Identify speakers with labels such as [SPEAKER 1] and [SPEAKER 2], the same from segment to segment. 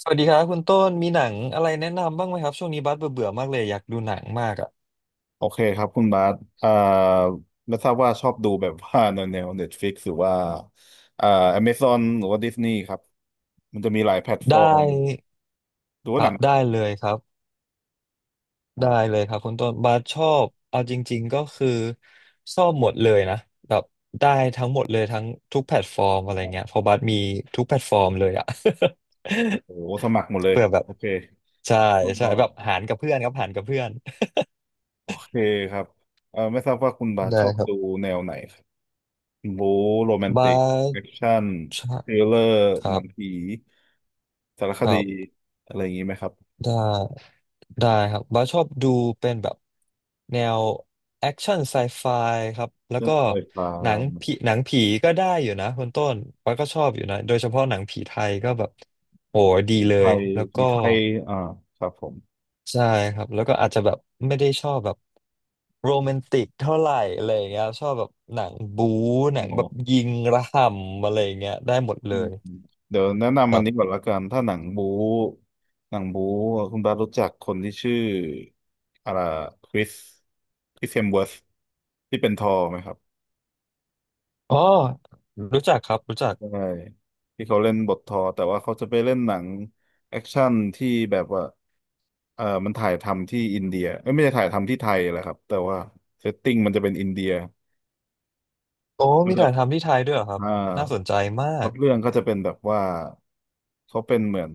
[SPEAKER 1] สวัสดีครับคุณต้นมีหนังอะไรแนะนำบ้างไหมครับช่วงนี้บัสเบื่อเบื่อมากเลยอยากดูหนังมากอ่ะ
[SPEAKER 2] โอเคครับคุณบาสเอ่อไม่ทราบว่าชอบดูแบบว่า แนว Netflix หรือว่าเอ่อ Amazon หรือว่า Disney ครับ มันจะมีหลายแพลตฟอ
[SPEAKER 1] ได้
[SPEAKER 2] ร์มดู
[SPEAKER 1] ค
[SPEAKER 2] ว่าห
[SPEAKER 1] รั
[SPEAKER 2] นั
[SPEAKER 1] บ
[SPEAKER 2] ง
[SPEAKER 1] ได้เลยครับ
[SPEAKER 2] อ๋อ
[SPEAKER 1] ได้เลยครับคุณต้นบัสชอบเอาจริงๆก็คือชอบหมดเลยนะแบบได้ทั้งหมดเลยทั้งทุกแพลตฟอร์มอะไรเงี้ยเพราะบัสมีทุกแพลตฟอร์มเลยอ่ะ
[SPEAKER 2] โอ้โหสมัครหมดเล ย
[SPEAKER 1] เพื่อแบบ
[SPEAKER 2] โอเค
[SPEAKER 1] ใช่
[SPEAKER 2] ก
[SPEAKER 1] ใช่
[SPEAKER 2] ็
[SPEAKER 1] แบบหารกับเพื่อนครับหารกับเพื่อน
[SPEAKER 2] โอเคครับไม่ทราบว่าคุณบาส
[SPEAKER 1] ได้
[SPEAKER 2] ชอบ
[SPEAKER 1] ครั
[SPEAKER 2] ดู
[SPEAKER 1] บ
[SPEAKER 2] แนวไหนครับบู๊โรแมน
[SPEAKER 1] บั
[SPEAKER 2] ติก
[SPEAKER 1] ส
[SPEAKER 2] แอคชั่น
[SPEAKER 1] คร
[SPEAKER 2] ท
[SPEAKER 1] บ
[SPEAKER 2] ริลเลอร์
[SPEAKER 1] ครั
[SPEAKER 2] หนังผี
[SPEAKER 1] บ
[SPEAKER 2] สารค
[SPEAKER 1] ครั
[SPEAKER 2] ดี
[SPEAKER 1] บ
[SPEAKER 2] อะไรอย่างนี้ไหมครับ
[SPEAKER 1] ได้ ได้ครับบาสชอบดูเป็นแบบแนวแอคชั่นไซไฟครับแล้ว
[SPEAKER 2] เรื่อ
[SPEAKER 1] ก็
[SPEAKER 2] งไฟฟ้า
[SPEAKER 1] หนังผีก็ได้อยู่นะคุณต้นบาสก็ชอบอยู่นะโดยเฉพาะหนังผีไทยก็แบบโหดี
[SPEAKER 2] ผี
[SPEAKER 1] เล
[SPEAKER 2] ไท
[SPEAKER 1] ย
[SPEAKER 2] ย
[SPEAKER 1] แล้ว
[SPEAKER 2] ผี
[SPEAKER 1] ก็
[SPEAKER 2] ไทยอ่าครับผม
[SPEAKER 1] ใช่ครับแล้วก็อาจจะแบบไม่ได้ชอบแบบโรแมนติกเท่าไหร่อะไรอย่างเงี้ยชอบแบบหนังบู๊หนั
[SPEAKER 2] อ๋
[SPEAKER 1] งแบบ
[SPEAKER 2] อ
[SPEAKER 1] ยิงระห่ำอะไรอย่างเงี้ยได้หมดเล
[SPEAKER 2] อืม
[SPEAKER 1] ย
[SPEAKER 2] เดี๋ยวแนะนำอันนี้ก่อนละกันถ้าหนังบู๊คุณบาสรู้จักคนที่ชื่ออะไรคริสคริสเฮมเวิร์ธที่เป็นทอร์ไหมครับ
[SPEAKER 1] อ๋อรู้จักครับรู้จัก
[SPEAKER 2] ใช่ที่เขาเล่นบททอร์แต่ว่าเขาจะไปเล่นหนังแอคชั่นที่แบบว่าเออมันถ่ายทำที่อินเดียเอ้ยไม่ใช่ถ่ายทำที่ไทยแหละครับแต่ว่าเซตติ้งมันจะเป็นอินเดีย
[SPEAKER 1] โอ้
[SPEAKER 2] มั
[SPEAKER 1] มี
[SPEAKER 2] นจะ
[SPEAKER 1] ถ่ายทำที่ไทยด้วยเหรอครับ
[SPEAKER 2] อ่า
[SPEAKER 1] น่าสนใจมา
[SPEAKER 2] พล็อ
[SPEAKER 1] ก
[SPEAKER 2] ตเรื่องก็จะเป็นแบบว่าเขาเป็นเหมือน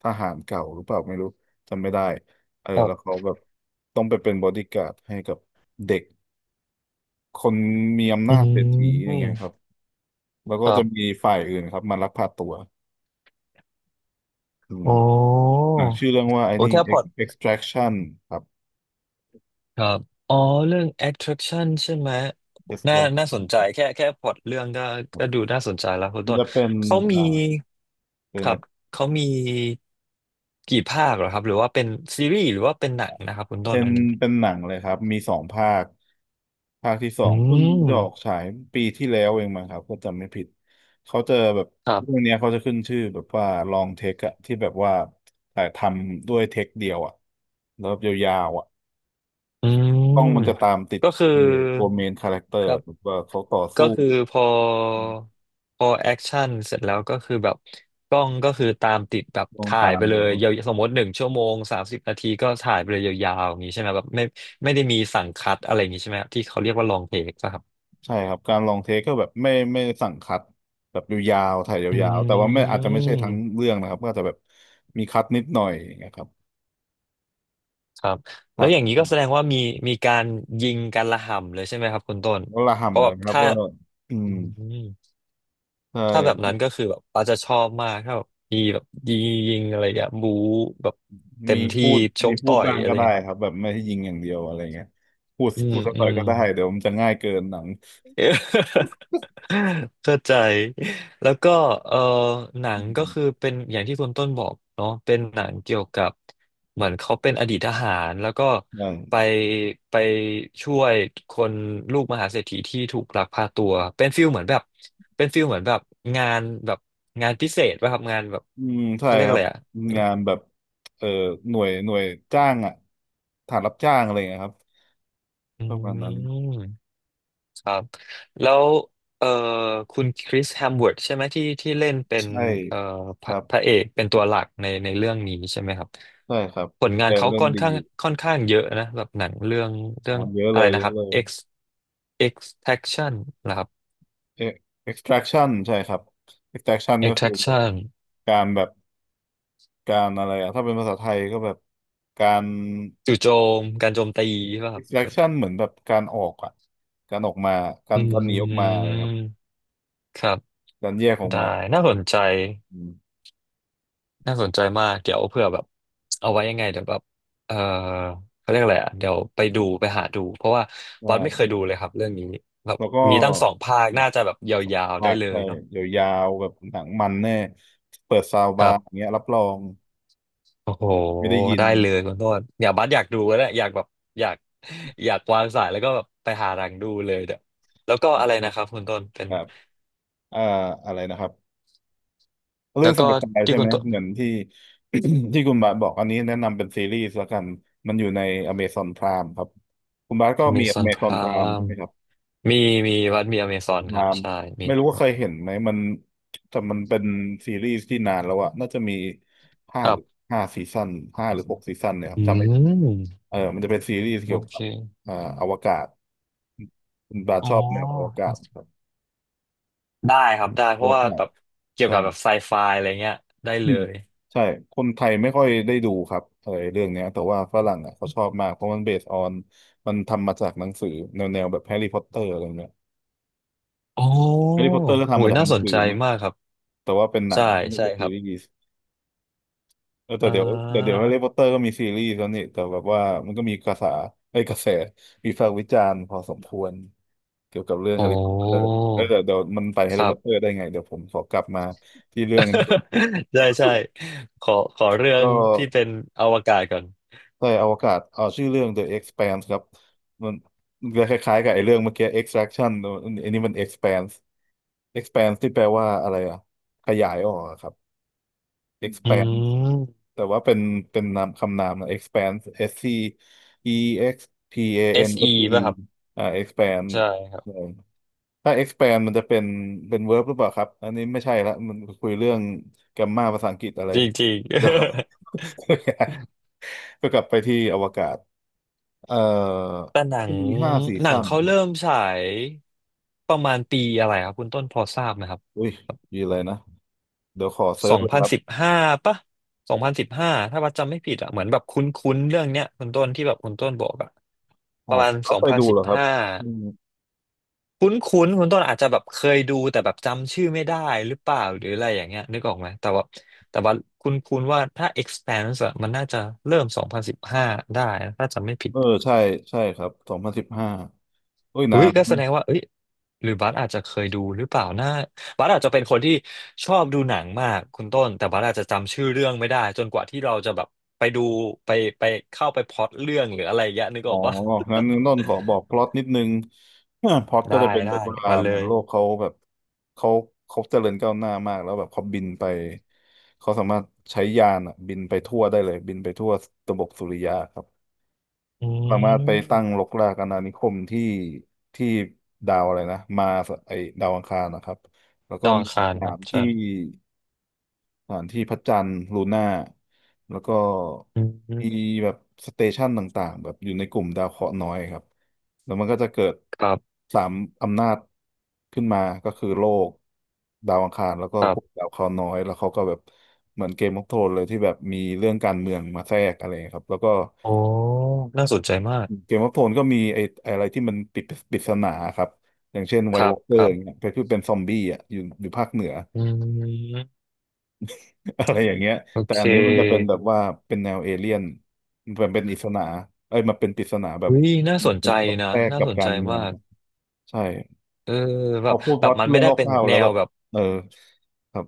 [SPEAKER 2] ทหารเก่าหรือเปล่าไม่รู้จำไม่ได้เออแล้วเขาแบบต้องไปเป็นบอดี้การ์ดให้กับเด็กคนมีอำ
[SPEAKER 1] อื
[SPEAKER 2] นาจเศรษฐีอย่างเงี้ย
[SPEAKER 1] ม
[SPEAKER 2] ครับแล้ว
[SPEAKER 1] ค
[SPEAKER 2] ก็
[SPEAKER 1] รั
[SPEAKER 2] จะ
[SPEAKER 1] บ
[SPEAKER 2] มีฝ่ายอื่นครับมาลักพาตัวอืม
[SPEAKER 1] อ๋อ
[SPEAKER 2] หนังชื่อเรื่องว่าไอ้
[SPEAKER 1] โอ้
[SPEAKER 2] นี่
[SPEAKER 1] แค่พล็อ ต
[SPEAKER 2] Extraction ครับ
[SPEAKER 1] ครับอ๋อเรื่อง attraction ใช่ไหมน่า
[SPEAKER 2] Extraction
[SPEAKER 1] น่าสนใจแค่พล็อตเรื่องก็
[SPEAKER 2] ครั
[SPEAKER 1] ก็
[SPEAKER 2] บ
[SPEAKER 1] ดูน่าสนใจแล้วคุณ
[SPEAKER 2] มัน
[SPEAKER 1] ต้น
[SPEAKER 2] จะเป็น
[SPEAKER 1] เขามี
[SPEAKER 2] อ่าเป็
[SPEAKER 1] ค
[SPEAKER 2] นอะ
[SPEAKER 1] รั
[SPEAKER 2] ไร
[SPEAKER 1] บเขามีกี่ภาคเหรอครับหรือว่าเป็นซีรีส์หรือว่าเป็นหนังนะครับคุณต้น
[SPEAKER 2] เป็น
[SPEAKER 1] อันนี้
[SPEAKER 2] เป็นหนังเลยครับมีสองภาคภาคที่สอ
[SPEAKER 1] อื
[SPEAKER 2] งเพิ่ง
[SPEAKER 1] ม
[SPEAKER 2] จะออกฉายปีที่แล้วเองมั้งครับก็จำไม่ผิดเขาจะแบบ
[SPEAKER 1] ครั
[SPEAKER 2] เรื่อง
[SPEAKER 1] บ
[SPEAKER 2] เนี้ยเขาจะขึ้นชื่อแบบว่าลองเทคอะที่แบบว่าถ่ายทำด้วยเทคเดียวอะแล้วแบบยาวๆอะ
[SPEAKER 1] อื
[SPEAKER 2] กล้อง
[SPEAKER 1] ม
[SPEAKER 2] มันจะตามติด
[SPEAKER 1] ก็คือ
[SPEAKER 2] ตัวเมนคาแรคเตอ
[SPEAKER 1] ค
[SPEAKER 2] ร์
[SPEAKER 1] รับ
[SPEAKER 2] แบบว่าเขาต่อ
[SPEAKER 1] ก็
[SPEAKER 2] สู้
[SPEAKER 1] คือพอ
[SPEAKER 2] อืม
[SPEAKER 1] พอแอคชั่นเสร็จแล้วก็คือแบบกล้องก็คือตามติดแบบ
[SPEAKER 2] ลอง
[SPEAKER 1] ถ่าย
[SPEAKER 2] ตา
[SPEAKER 1] ไป
[SPEAKER 2] ม
[SPEAKER 1] เล
[SPEAKER 2] เลย
[SPEAKER 1] ย
[SPEAKER 2] ครับ
[SPEAKER 1] ยาวสมมติ1 ชั่วโมง 30 นาทีก็ถ่ายไปเลยยาวๆอย่างนี้ใช่ไหมแบบไม่ไม่ได้มีสั่งคัดอะไรอย่างนี้ใช่ไหมครับที่เขาเรียกว่าลองเทคครับ
[SPEAKER 2] ใช่ครับการลองเทคก็แบบไม่สั่งคัดแบบยาวๆถ่าย
[SPEAKER 1] อื
[SPEAKER 2] ยาวๆแต่ว่าไม่อาจจะไม่ใช่ทั้ง
[SPEAKER 1] ม
[SPEAKER 2] เรื่องนะครับก็อาจจะแบบมีคัดนิดหน่อยนะครับ
[SPEAKER 1] ครับแล้
[SPEAKER 2] ผั
[SPEAKER 1] ว
[SPEAKER 2] ก
[SPEAKER 1] อย่างนี้ก็แสดงว่ามีมีการยิงการระห่ำเลยใช่ไหมครับคุณต้น
[SPEAKER 2] วะละ
[SPEAKER 1] เพราะ
[SPEAKER 2] หำ
[SPEAKER 1] แบ
[SPEAKER 2] เล
[SPEAKER 1] บ
[SPEAKER 2] ยครับ
[SPEAKER 1] ถ้า
[SPEAKER 2] ก็อื
[SPEAKER 1] อื
[SPEAKER 2] ม
[SPEAKER 1] ม
[SPEAKER 2] ใช
[SPEAKER 1] ถ้าแบบ
[SPEAKER 2] ่
[SPEAKER 1] นั้นก็คือแบบป้าจะชอบมากถ้าแบบมีแบบยิงอะไรอย่างเงี้ยบู๊แบบเต็
[SPEAKER 2] มี
[SPEAKER 1] มที่
[SPEAKER 2] พูด
[SPEAKER 1] ช
[SPEAKER 2] มี
[SPEAKER 1] ก
[SPEAKER 2] พู
[SPEAKER 1] ต่
[SPEAKER 2] ด
[SPEAKER 1] อย
[SPEAKER 2] บ้าง
[SPEAKER 1] อะไร
[SPEAKER 2] ก็ได้
[SPEAKER 1] เงี้ยครั
[SPEAKER 2] ค
[SPEAKER 1] บ
[SPEAKER 2] รับแบบไม่ให้ยิงอย่างเดียวอะไรเงี้ยพูด
[SPEAKER 1] อืม
[SPEAKER 2] พูดสัก
[SPEAKER 1] อื
[SPEAKER 2] หน่อย
[SPEAKER 1] ม
[SPEAKER 2] ก็ได้เดี๋ยวมันจะง่ายเกินหนัง
[SPEAKER 1] เออ เข้าใจ แล้วก็เออหนั
[SPEAKER 2] อื
[SPEAKER 1] งก็คือ
[SPEAKER 2] ม
[SPEAKER 1] เป็นอย่างที่คุณต้นบอกเนาะเป็นหนังเกี่ยวกับเหมือนเขาเป็นอดีตทหารแล้วก็ไป
[SPEAKER 2] ใช่
[SPEAKER 1] ไปช่วยคนลูกมหาเศรษฐีที่ถูกลักพาตัวเป็นฟิลเหมือนแบบเป็นฟิลเหมือนแบบงานแบบงานพิเศษป่ะครับงานแบบ
[SPEAKER 2] อืมใช่
[SPEAKER 1] เขาเรียก
[SPEAKER 2] ครั
[SPEAKER 1] อะ
[SPEAKER 2] บ
[SPEAKER 1] ไรอ่ะ
[SPEAKER 2] งานแบบเอ่อหน่วยจ้างอ่ะฐานรับจ้างอะไรเงี้ยครับประมาณนั้
[SPEAKER 1] อื
[SPEAKER 2] น
[SPEAKER 1] ม ครับแล้วเอ่อคุณคริสแฮมเวิร์ดใช่ไหมที่เล่นเป็น
[SPEAKER 2] ใช่
[SPEAKER 1] เอ่อพ
[SPEAKER 2] ค
[SPEAKER 1] ระ
[SPEAKER 2] รับ
[SPEAKER 1] พระเอกเป็นตัวหลักในเรื่องนี้ใช่ไหมครับ
[SPEAKER 2] ใช่ครับ
[SPEAKER 1] ผลงาน
[SPEAKER 2] แต่
[SPEAKER 1] เขา
[SPEAKER 2] เล่น
[SPEAKER 1] ค่อน
[SPEAKER 2] ดี
[SPEAKER 1] ข้า
[SPEAKER 2] อ
[SPEAKER 1] ง
[SPEAKER 2] ยู่
[SPEAKER 1] ค่อนข้างเยอะนะแบบหนังเรื่องเรื่
[SPEAKER 2] อ๋
[SPEAKER 1] อ
[SPEAKER 2] อ
[SPEAKER 1] ง
[SPEAKER 2] เยอะ
[SPEAKER 1] อะ
[SPEAKER 2] เล
[SPEAKER 1] ไร
[SPEAKER 2] ย
[SPEAKER 1] นะ
[SPEAKER 2] เย
[SPEAKER 1] ค
[SPEAKER 2] อะ
[SPEAKER 1] รับ
[SPEAKER 2] เลย
[SPEAKER 1] X Extraction นะครับ
[SPEAKER 2] เอ็ก extraction ใช่ครับ extraction ก็คือแบบ
[SPEAKER 1] Extraction
[SPEAKER 2] การแบบ การอะไรอะถ้าเป็นภาษาไทยก็แบบการ
[SPEAKER 1] จู่โจมการโจมตีใช่ป่ะครับ
[SPEAKER 2] extraction เหมือนแบบการออกอะการออกมากา
[SPEAKER 1] อื
[SPEAKER 2] รการหนีออกมาเลยครับ
[SPEAKER 1] มครับ
[SPEAKER 2] การแยกออก
[SPEAKER 1] ได้
[SPEAKER 2] มา
[SPEAKER 1] น่า
[SPEAKER 2] แบ
[SPEAKER 1] ส
[SPEAKER 2] บ
[SPEAKER 1] นใจ
[SPEAKER 2] อืม
[SPEAKER 1] น่าสนใจมากเดี๋ยวเผื่อแบบเอาไว้ยังไงเดี๋ยวแบบ เออเขาเรียกอะไรอ่ะเดี๋ยวไปดูไปหาดูเพราะว่า
[SPEAKER 2] ใ
[SPEAKER 1] วัดไม่เคย
[SPEAKER 2] ช่
[SPEAKER 1] ดูเลยครับเรื่องนี้แบบ
[SPEAKER 2] แล้วก็
[SPEAKER 1] มีตั้ง2 ภาค
[SPEAKER 2] แบ
[SPEAKER 1] น่า
[SPEAKER 2] บ
[SPEAKER 1] จะแบบ
[SPEAKER 2] สอง
[SPEAKER 1] ยาวๆได้
[SPEAKER 2] ภาค
[SPEAKER 1] เลย
[SPEAKER 2] ใช่
[SPEAKER 1] เนาะ
[SPEAKER 2] ยาวๆแบบหนังมันแน่เปิดซาว
[SPEAKER 1] ค
[SPEAKER 2] บา
[SPEAKER 1] รั
[SPEAKER 2] ร์อย่าง
[SPEAKER 1] บ
[SPEAKER 2] เงี้ยรับรอง
[SPEAKER 1] โอ้โห
[SPEAKER 2] ไม่ได้ยิน
[SPEAKER 1] ได้เลยคุณโทษอย่าบัสอยากดูแล้วเนี่ยอยากแบบอยากอยากวางสายแล้วก็แบบไปหารังดูเลยเดี๋ยวแล้วก็อะไรนะครับคุณต้นเป็น
[SPEAKER 2] แบบเอ่ออะไรนะครับ
[SPEAKER 1] แล้
[SPEAKER 2] เรื่อ
[SPEAKER 1] ว
[SPEAKER 2] งส
[SPEAKER 1] ก็
[SPEAKER 2] มัไฟ
[SPEAKER 1] ที่
[SPEAKER 2] ใช่
[SPEAKER 1] คุ
[SPEAKER 2] ไห
[SPEAKER 1] ณ
[SPEAKER 2] ม
[SPEAKER 1] ต้น
[SPEAKER 2] เหมือนที่ ที่คุณบาสบอกอันนี้แนะนำเป็นซีรีส์ละกัน มันอยู่ใน Amazon Prime ครับ คุณบาสก็มี
[SPEAKER 1] Amazon
[SPEAKER 2] Amazon Prime ใช่
[SPEAKER 1] Prime
[SPEAKER 2] ไหมครับ
[SPEAKER 1] มีมีวัดมี Amazon
[SPEAKER 2] Amazon
[SPEAKER 1] ครับ
[SPEAKER 2] Prime
[SPEAKER 1] ใช่มี
[SPEAKER 2] ไม่รู้ว่าเคยเห็นไหมมันแต่มันเป็นซีรีส์ที่นานแล้วอะน่าจะมีห้า
[SPEAKER 1] ครั
[SPEAKER 2] หรือ
[SPEAKER 1] บ
[SPEAKER 2] ห้าซีซั่นห้าหรือหกซีซั่นเนี่ยครับ
[SPEAKER 1] อื
[SPEAKER 2] จำไม่
[SPEAKER 1] ม
[SPEAKER 2] เออมันจะเป็นซีรีส์
[SPEAKER 1] โอ
[SPEAKER 2] เกี่ยว
[SPEAKER 1] เค
[SPEAKER 2] กับอ่าอวกาศ คุณบาส
[SPEAKER 1] อ๋อ
[SPEAKER 2] ชอบแนวอวกาศครับ
[SPEAKER 1] ได้ครับได้เพราะว่าแบ
[SPEAKER 2] Walkman
[SPEAKER 1] บเกี่ยว
[SPEAKER 2] ใช่
[SPEAKER 1] กับแบบไซไฟอะไรเงี้ยได้
[SPEAKER 2] อื
[SPEAKER 1] เล
[SPEAKER 2] ม
[SPEAKER 1] ย
[SPEAKER 2] ใช่คนไทยไม่ค่อยได้ดูครับเออเรื่องเนี้ยแต่ว่าฝรั่งอ่ะเขาชอบมากเพราะมันเบสออนมันทำมาจากหนังสือแนวแบบแฮร์รี่พอตเตอร์อะไรเงี้ย
[SPEAKER 1] โอ้
[SPEAKER 2] แฮร์รี่พอตเตอร์ก็
[SPEAKER 1] โห
[SPEAKER 2] ทำมา
[SPEAKER 1] ย
[SPEAKER 2] จาก
[SPEAKER 1] น่า
[SPEAKER 2] หนัง
[SPEAKER 1] สน
[SPEAKER 2] สื
[SPEAKER 1] ใจ
[SPEAKER 2] อเนาะ
[SPEAKER 1] มากครับ
[SPEAKER 2] แต่ว่าเป็นหนั
[SPEAKER 1] ใช่
[SPEAKER 2] งไม่
[SPEAKER 1] ใช่
[SPEAKER 2] ใช่
[SPEAKER 1] ค
[SPEAKER 2] ซี
[SPEAKER 1] รับ
[SPEAKER 2] รีส์เออแต่
[SPEAKER 1] อ่
[SPEAKER 2] เดี๋ยวแต่เดี๋ยว
[SPEAKER 1] า
[SPEAKER 2] แฮร์รี่พอตเตอร์ก็มีซีรีส์แล้วนี่แต่แบบว่ามันก็มีกระแสไอ้ยกระแสวิพากษ์วิจารณ์พอสมควรเกี่ยวกับเรื่อง
[SPEAKER 1] โอ
[SPEAKER 2] แฮร์รี่พอตเตอร์
[SPEAKER 1] ้
[SPEAKER 2] เออเดี๋ยวมันไปแฮ
[SPEAKER 1] ค
[SPEAKER 2] ร์รี่
[SPEAKER 1] รั
[SPEAKER 2] พอ
[SPEAKER 1] บ
[SPEAKER 2] ตเตอร์ได้ไงเดี๋ยวผมขอกลับมาที่เรื่องนี้ก่อน
[SPEAKER 1] ใช่ใช่ขอเรื่อง
[SPEAKER 2] ก็
[SPEAKER 1] ที่เป็นอวกาศก่อน
[SPEAKER 2] ใช่อวกาศเอาชื่อเรื่อง The Expanse ครับมันมันจะคล้ายๆกับไอ้เรื่องเมื่อกี้ Extraction อันนี้มัน Expanse Expanse ที่แปลว่าอะไรอ่ะขยายออกอะครับ
[SPEAKER 1] อื
[SPEAKER 2] Expanse
[SPEAKER 1] ม
[SPEAKER 2] แต่ว่าเป็นนามคำนามนะ Expanse S C E X P A N
[SPEAKER 1] SE
[SPEAKER 2] S E อ
[SPEAKER 1] ป่ะครับ
[SPEAKER 2] อ่า Expand
[SPEAKER 1] ใช่ครั
[SPEAKER 2] ใช่
[SPEAKER 1] บ
[SPEAKER 2] ถ้า Expand มันจะเป็น verb หรือเปล่าครับอันนี้ไม่ใช่ละมันคุยเรื่องแกมมาภาษาอังกฤษอะไร
[SPEAKER 1] จริงจริง
[SPEAKER 2] เดี๋ยว ก็กลับไปที่อวกาศ เอ่อ
[SPEAKER 1] แต่หนัง
[SPEAKER 2] มีห้าซี
[SPEAKER 1] หนัง
[SPEAKER 2] ซั่น
[SPEAKER 1] เขา
[SPEAKER 2] ครับ
[SPEAKER 1] เริ่มฉายประมาณปีอะไรครับคุณต้นพอทราบไหมครับ
[SPEAKER 2] อุ้ยมีอะไรนะเดี๋ยวขอเซิ
[SPEAKER 1] ส
[SPEAKER 2] ร์ช
[SPEAKER 1] อง
[SPEAKER 2] เลย
[SPEAKER 1] พั
[SPEAKER 2] ค
[SPEAKER 1] น
[SPEAKER 2] รับ
[SPEAKER 1] สิบห้าปะสองพันสิบห้าถ้าว่าจำไม่ผิดอะเหมือนแบบคุ้นๆเรื่องเนี้ยคุณต้นที่แบบคุณต้นบอกอะป
[SPEAKER 2] อ๋อ
[SPEAKER 1] ระมาณส
[SPEAKER 2] เขา
[SPEAKER 1] อง
[SPEAKER 2] เคย
[SPEAKER 1] พัน
[SPEAKER 2] ดู
[SPEAKER 1] สิ
[SPEAKER 2] เห
[SPEAKER 1] บ
[SPEAKER 2] รอครับ
[SPEAKER 1] ห้า
[SPEAKER 2] อืม
[SPEAKER 1] คุ้นๆคุณต้นอาจจะแบบเคยดูแต่แบบจำชื่อไม่ได้หรือเปล่าหรืออะไรอย่างเงี้ยนึกออกไหมแต่ว่าคุ้นๆว่าถ้า expanse อะมันน่าจะเริ่มสองพันสิบห้าได้นะถ้าจำไม่ผิด
[SPEAKER 2] เออใช่ใช่ครับ2015อุ้ย
[SPEAKER 1] อุ้
[SPEAKER 2] นา
[SPEAKER 1] ย
[SPEAKER 2] น
[SPEAKER 1] ก็แสดงว่าเอ้ยหรือบัสอาจจะเคยดูหรือเปล่านะบัสอาจจะเป็นคนที่ชอบดูหนังมากคุณต้นแต่บัสอาจจะจำชื่อเรื่องไม่ได้จนกว่าที่เราจะแบบไปดูไปไปเข้าไปพล็อตเรื่องหรืออะไรอย่างเงี้ยนึกอ
[SPEAKER 2] อ๋อ
[SPEAKER 1] อกปะ
[SPEAKER 2] งั้นต้นขอบอกพล็อตนิดนึง พล็อตก็
[SPEAKER 1] ได้
[SPEAKER 2] จะเป็น
[SPEAKER 1] ได้
[SPEAKER 2] แบบว่า
[SPEAKER 1] มาเล
[SPEAKER 2] เหมือน
[SPEAKER 1] ย
[SPEAKER 2] โลกเขาแบบเขาเขาเจริญก้าวหน้ามากแล้วแบบเขาบินไปเขาสามารถใช้ยานอะบินไปทั่วได้เลยบินไปทั่วระบบสุริยะครับ
[SPEAKER 1] อื
[SPEAKER 2] สามารถไป
[SPEAKER 1] ม
[SPEAKER 2] ตั้งรกรากอาณานิคมที่ดาวอะไรนะมาร์สไอดาวอังคารนะครับแล้ว
[SPEAKER 1] ด
[SPEAKER 2] ก็
[SPEAKER 1] อง
[SPEAKER 2] มี
[SPEAKER 1] คาร
[SPEAKER 2] ส
[SPEAKER 1] ค
[SPEAKER 2] ถา
[SPEAKER 1] รับ
[SPEAKER 2] น
[SPEAKER 1] ใช่
[SPEAKER 2] ที่สถานที่พระจันทร์ลูน่าแล้วก็
[SPEAKER 1] อืม
[SPEAKER 2] มีแบบสเตชันต่างๆแบบอยู่ในกลุ่มดาวเคราะห์น้อยครับแล้วมันก็จะเกิด
[SPEAKER 1] ครับ
[SPEAKER 2] สามอำนาจขึ้นมาก็คือโลกดาวอังคารแล้วก็
[SPEAKER 1] ครั
[SPEAKER 2] กลุ่ม
[SPEAKER 1] บ
[SPEAKER 2] ดาวเคราะห์น้อยแล้วเขาก็แบบเหมือนเกมออฟโทนเลยที่แบบมีเรื่องการเมืองมาแทรกอะไรครับแล้วก็
[SPEAKER 1] โอ้น่าสนใจมาก
[SPEAKER 2] เกมออฟโทนก็มีไอ้อะไรที่มันปิดปริศนาครับอย่างเช่นไว
[SPEAKER 1] ค
[SPEAKER 2] i t
[SPEAKER 1] รั
[SPEAKER 2] ว
[SPEAKER 1] บ
[SPEAKER 2] อ a l เก
[SPEAKER 1] ค
[SPEAKER 2] อ
[SPEAKER 1] รั
[SPEAKER 2] ร์
[SPEAKER 1] บ
[SPEAKER 2] อย่างเงี้ยไปคือเป็นซอมบี้อ่ะอยู่ภาคเหนือ
[SPEAKER 1] อืม
[SPEAKER 2] อะไรอย่างเงี้ย
[SPEAKER 1] โอ
[SPEAKER 2] แต่
[SPEAKER 1] เค
[SPEAKER 2] อันนี้มันจะเป็นแบบว่าเป็นแนวเอเลี่ยนมันเป็นอิสนาเอ้ยมันเป็นปริศนาแบบ
[SPEAKER 1] อุ้ยน่าสน
[SPEAKER 2] เป็
[SPEAKER 1] ใจ
[SPEAKER 2] นพอด
[SPEAKER 1] นะ
[SPEAKER 2] แทรก
[SPEAKER 1] น่า
[SPEAKER 2] กับ
[SPEAKER 1] สน
[SPEAKER 2] กา
[SPEAKER 1] ใจ
[SPEAKER 2] รเมือ
[SPEAKER 1] มา
[SPEAKER 2] ง
[SPEAKER 1] ก
[SPEAKER 2] ใช่
[SPEAKER 1] เออแบ
[SPEAKER 2] พอ
[SPEAKER 1] บ
[SPEAKER 2] พูดพล็อต
[SPEAKER 1] มันไม่
[SPEAKER 2] เรื่อง
[SPEAKER 1] ได้เป็
[SPEAKER 2] ค
[SPEAKER 1] น
[SPEAKER 2] ร่าวๆ
[SPEAKER 1] แน
[SPEAKER 2] แล้วแบ
[SPEAKER 1] ว
[SPEAKER 2] บ
[SPEAKER 1] แบบ
[SPEAKER 2] เออครับ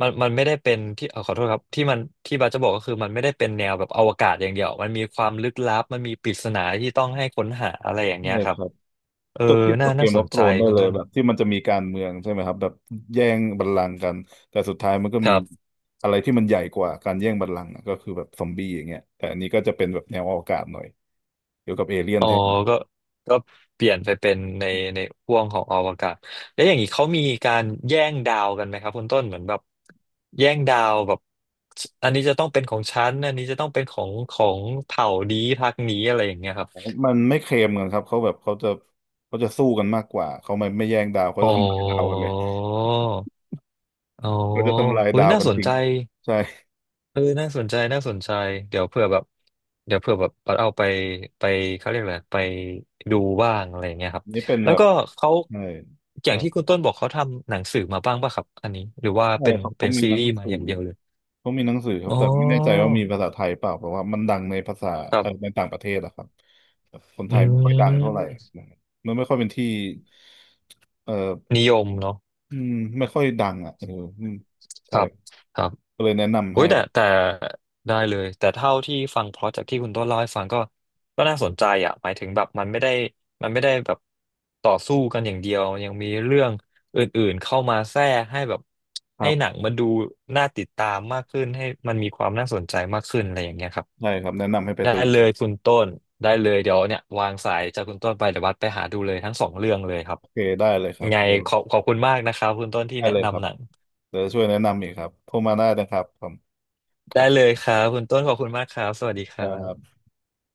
[SPEAKER 1] มันไม่ได้เป็นที่ขอโทษครับที่มันที่บาสจะบอกก็คือมันไม่ได้เป็นแนวแบบอวกาศอย่างเดียวมันมีความลึกลับมันมีปริศนาที่ต้องให้ค้นหาอะไรอย่างเงี้ย
[SPEAKER 2] ใช่
[SPEAKER 1] ครั
[SPEAKER 2] ค
[SPEAKER 1] บ
[SPEAKER 2] รับ
[SPEAKER 1] เออ
[SPEAKER 2] ก็เทียบกับเก
[SPEAKER 1] น่า
[SPEAKER 2] ม
[SPEAKER 1] ส
[SPEAKER 2] วอ r
[SPEAKER 1] น
[SPEAKER 2] โ n
[SPEAKER 1] ใจ
[SPEAKER 2] รนได้
[SPEAKER 1] คุณ
[SPEAKER 2] เลย
[SPEAKER 1] ต้น
[SPEAKER 2] แบบที่มันจะมีการเมืองใช่ไหมครับแบบแย่งบัลลังก์กันแต่สุดท้ายมันก็
[SPEAKER 1] ค
[SPEAKER 2] มี
[SPEAKER 1] รับ
[SPEAKER 2] อะไรที่มันใหญ่กว่าการแย่งบัลลังก์อะก็คือแบบซอมบี้อย่างเงี้ยแต่อันนี้ก็จะเป็นแบบแนวอวกาศหน่อยเกี่ยวกับเอเลี่ยน
[SPEAKER 1] อ๋อ
[SPEAKER 2] แทน
[SPEAKER 1] ก็ก็เปลี่ยนไปเป็นในในห่วงของอวกาศแล้วอย่างนี้เขามีการแย่งดาวกันไหมครับคุณต้นเหมือนแบบแย่งดาวแบบอันนี้จะต้องเป็นของฉันอันนี้จะต้องเป็นของเผ่านี้พรรคนี้อะไรอย่างเงี้ยครับ
[SPEAKER 2] มันไม่เคลมกันครับเขาแบบเขาจะสู้กันมากกว่าเขาไม่แย่งดาวเขา
[SPEAKER 1] อ๋อ
[SPEAKER 2] จะทำลายดาวกันเลย
[SPEAKER 1] อ๋อ
[SPEAKER 2] เขาจะทำลาย
[SPEAKER 1] อุ้ย
[SPEAKER 2] ดาว
[SPEAKER 1] น่า
[SPEAKER 2] กัน
[SPEAKER 1] สน
[SPEAKER 2] ทิ้
[SPEAKER 1] ใจ
[SPEAKER 2] งใช่
[SPEAKER 1] เออน่าสนใจ น่าสนใจ เดี๋ยวเผื่อแบบเดี๋ยวเผื่อแบบเอาไปไปเขาเรียกอะไรไปดูบ้างอะไรอย่างเงี้ยครับ
[SPEAKER 2] อันนี่เป็น
[SPEAKER 1] แล้
[SPEAKER 2] แบ
[SPEAKER 1] ว
[SPEAKER 2] บ
[SPEAKER 1] ก็เขา
[SPEAKER 2] ใช่
[SPEAKER 1] อย่า
[SPEAKER 2] ใช่,
[SPEAKER 1] งที่คุณต้นบอกเขาทำหนังสือมาบ้างป่ะครับ อันนี้ หรือว่า
[SPEAKER 2] ใช่
[SPEAKER 1] เป็น
[SPEAKER 2] ครับเขามี
[SPEAKER 1] ซี
[SPEAKER 2] หนั
[SPEAKER 1] รี
[SPEAKER 2] ง
[SPEAKER 1] ส์มา
[SPEAKER 2] สื
[SPEAKER 1] อ
[SPEAKER 2] อ
[SPEAKER 1] ย่างเดียวเลย
[SPEAKER 2] ก็มีหนังสือครั
[SPEAKER 1] อ๋
[SPEAKER 2] บ
[SPEAKER 1] อ
[SPEAKER 2] แต่ไม่แน่ใจว่ามีภาษาไทยเปล่าเพราะว่ามันดังในภาษา
[SPEAKER 1] ครับ
[SPEAKER 2] ในต่างประเทศนะครับแต่คน
[SPEAKER 1] อื
[SPEAKER 2] ไทยไม่ค่อยดังเท่าไหร่
[SPEAKER 1] ม
[SPEAKER 2] มันไม่ค่อยเป็นที่เอ่อ
[SPEAKER 1] นิยมเนาะ
[SPEAKER 2] อืมไม่ค่อยดังอ่ะเอออืม
[SPEAKER 1] ค
[SPEAKER 2] ใช่
[SPEAKER 1] รับครับ
[SPEAKER 2] ก็เลยแนะนำ
[SPEAKER 1] โอ้
[SPEAKER 2] ให้
[SPEAKER 1] ยแต่ได้เลยแต่เท่าที่ฟังเพราะจากที่คุณต้นเล่าให้ฟังก็น่าสนใจอ่ะหมายถึงแบบมันไม่ได้มันไม่ได้แบบต่อสู้กันอย่างเดียวยังมีเรื่องอื่นๆเข้ามาแทรกให้แบบ
[SPEAKER 2] ค
[SPEAKER 1] ให้
[SPEAKER 2] รั
[SPEAKER 1] หนัง
[SPEAKER 2] บ
[SPEAKER 1] มันดูน่าติดตามมากขึ้นให้มันมีความน่าสนใจมากขึ้นอะไรอย่างเงี้ยครับ
[SPEAKER 2] ใช่ครับแนะนำให้ไป
[SPEAKER 1] ได้
[SPEAKER 2] ดู
[SPEAKER 1] เลยคุณต้นได้เลยเดี๋ยวเนี่ยวางสายจากคุณต้นไปเดี๋ยววัดไปหาดูเลยทั้งสองเรื่องเลยครับ
[SPEAKER 2] โอเคได้เลยครับ
[SPEAKER 1] ไง
[SPEAKER 2] เดี๋ยว
[SPEAKER 1] ขอบคุณมากนะครับคุณต้นที่
[SPEAKER 2] ได้
[SPEAKER 1] แนะ
[SPEAKER 2] เลยครั
[SPEAKER 1] นำ
[SPEAKER 2] บ
[SPEAKER 1] หนัง
[SPEAKER 2] เดี๋ยวจะช่วยแนะนำอีกครับโทรมาได้นะครับผมโอ
[SPEAKER 1] ได้เลยค
[SPEAKER 2] เค
[SPEAKER 1] รับคุณต้นขอบคุณมากครับสวัสดีค
[SPEAKER 2] ค
[SPEAKER 1] รั
[SPEAKER 2] รั
[SPEAKER 1] บ
[SPEAKER 2] บ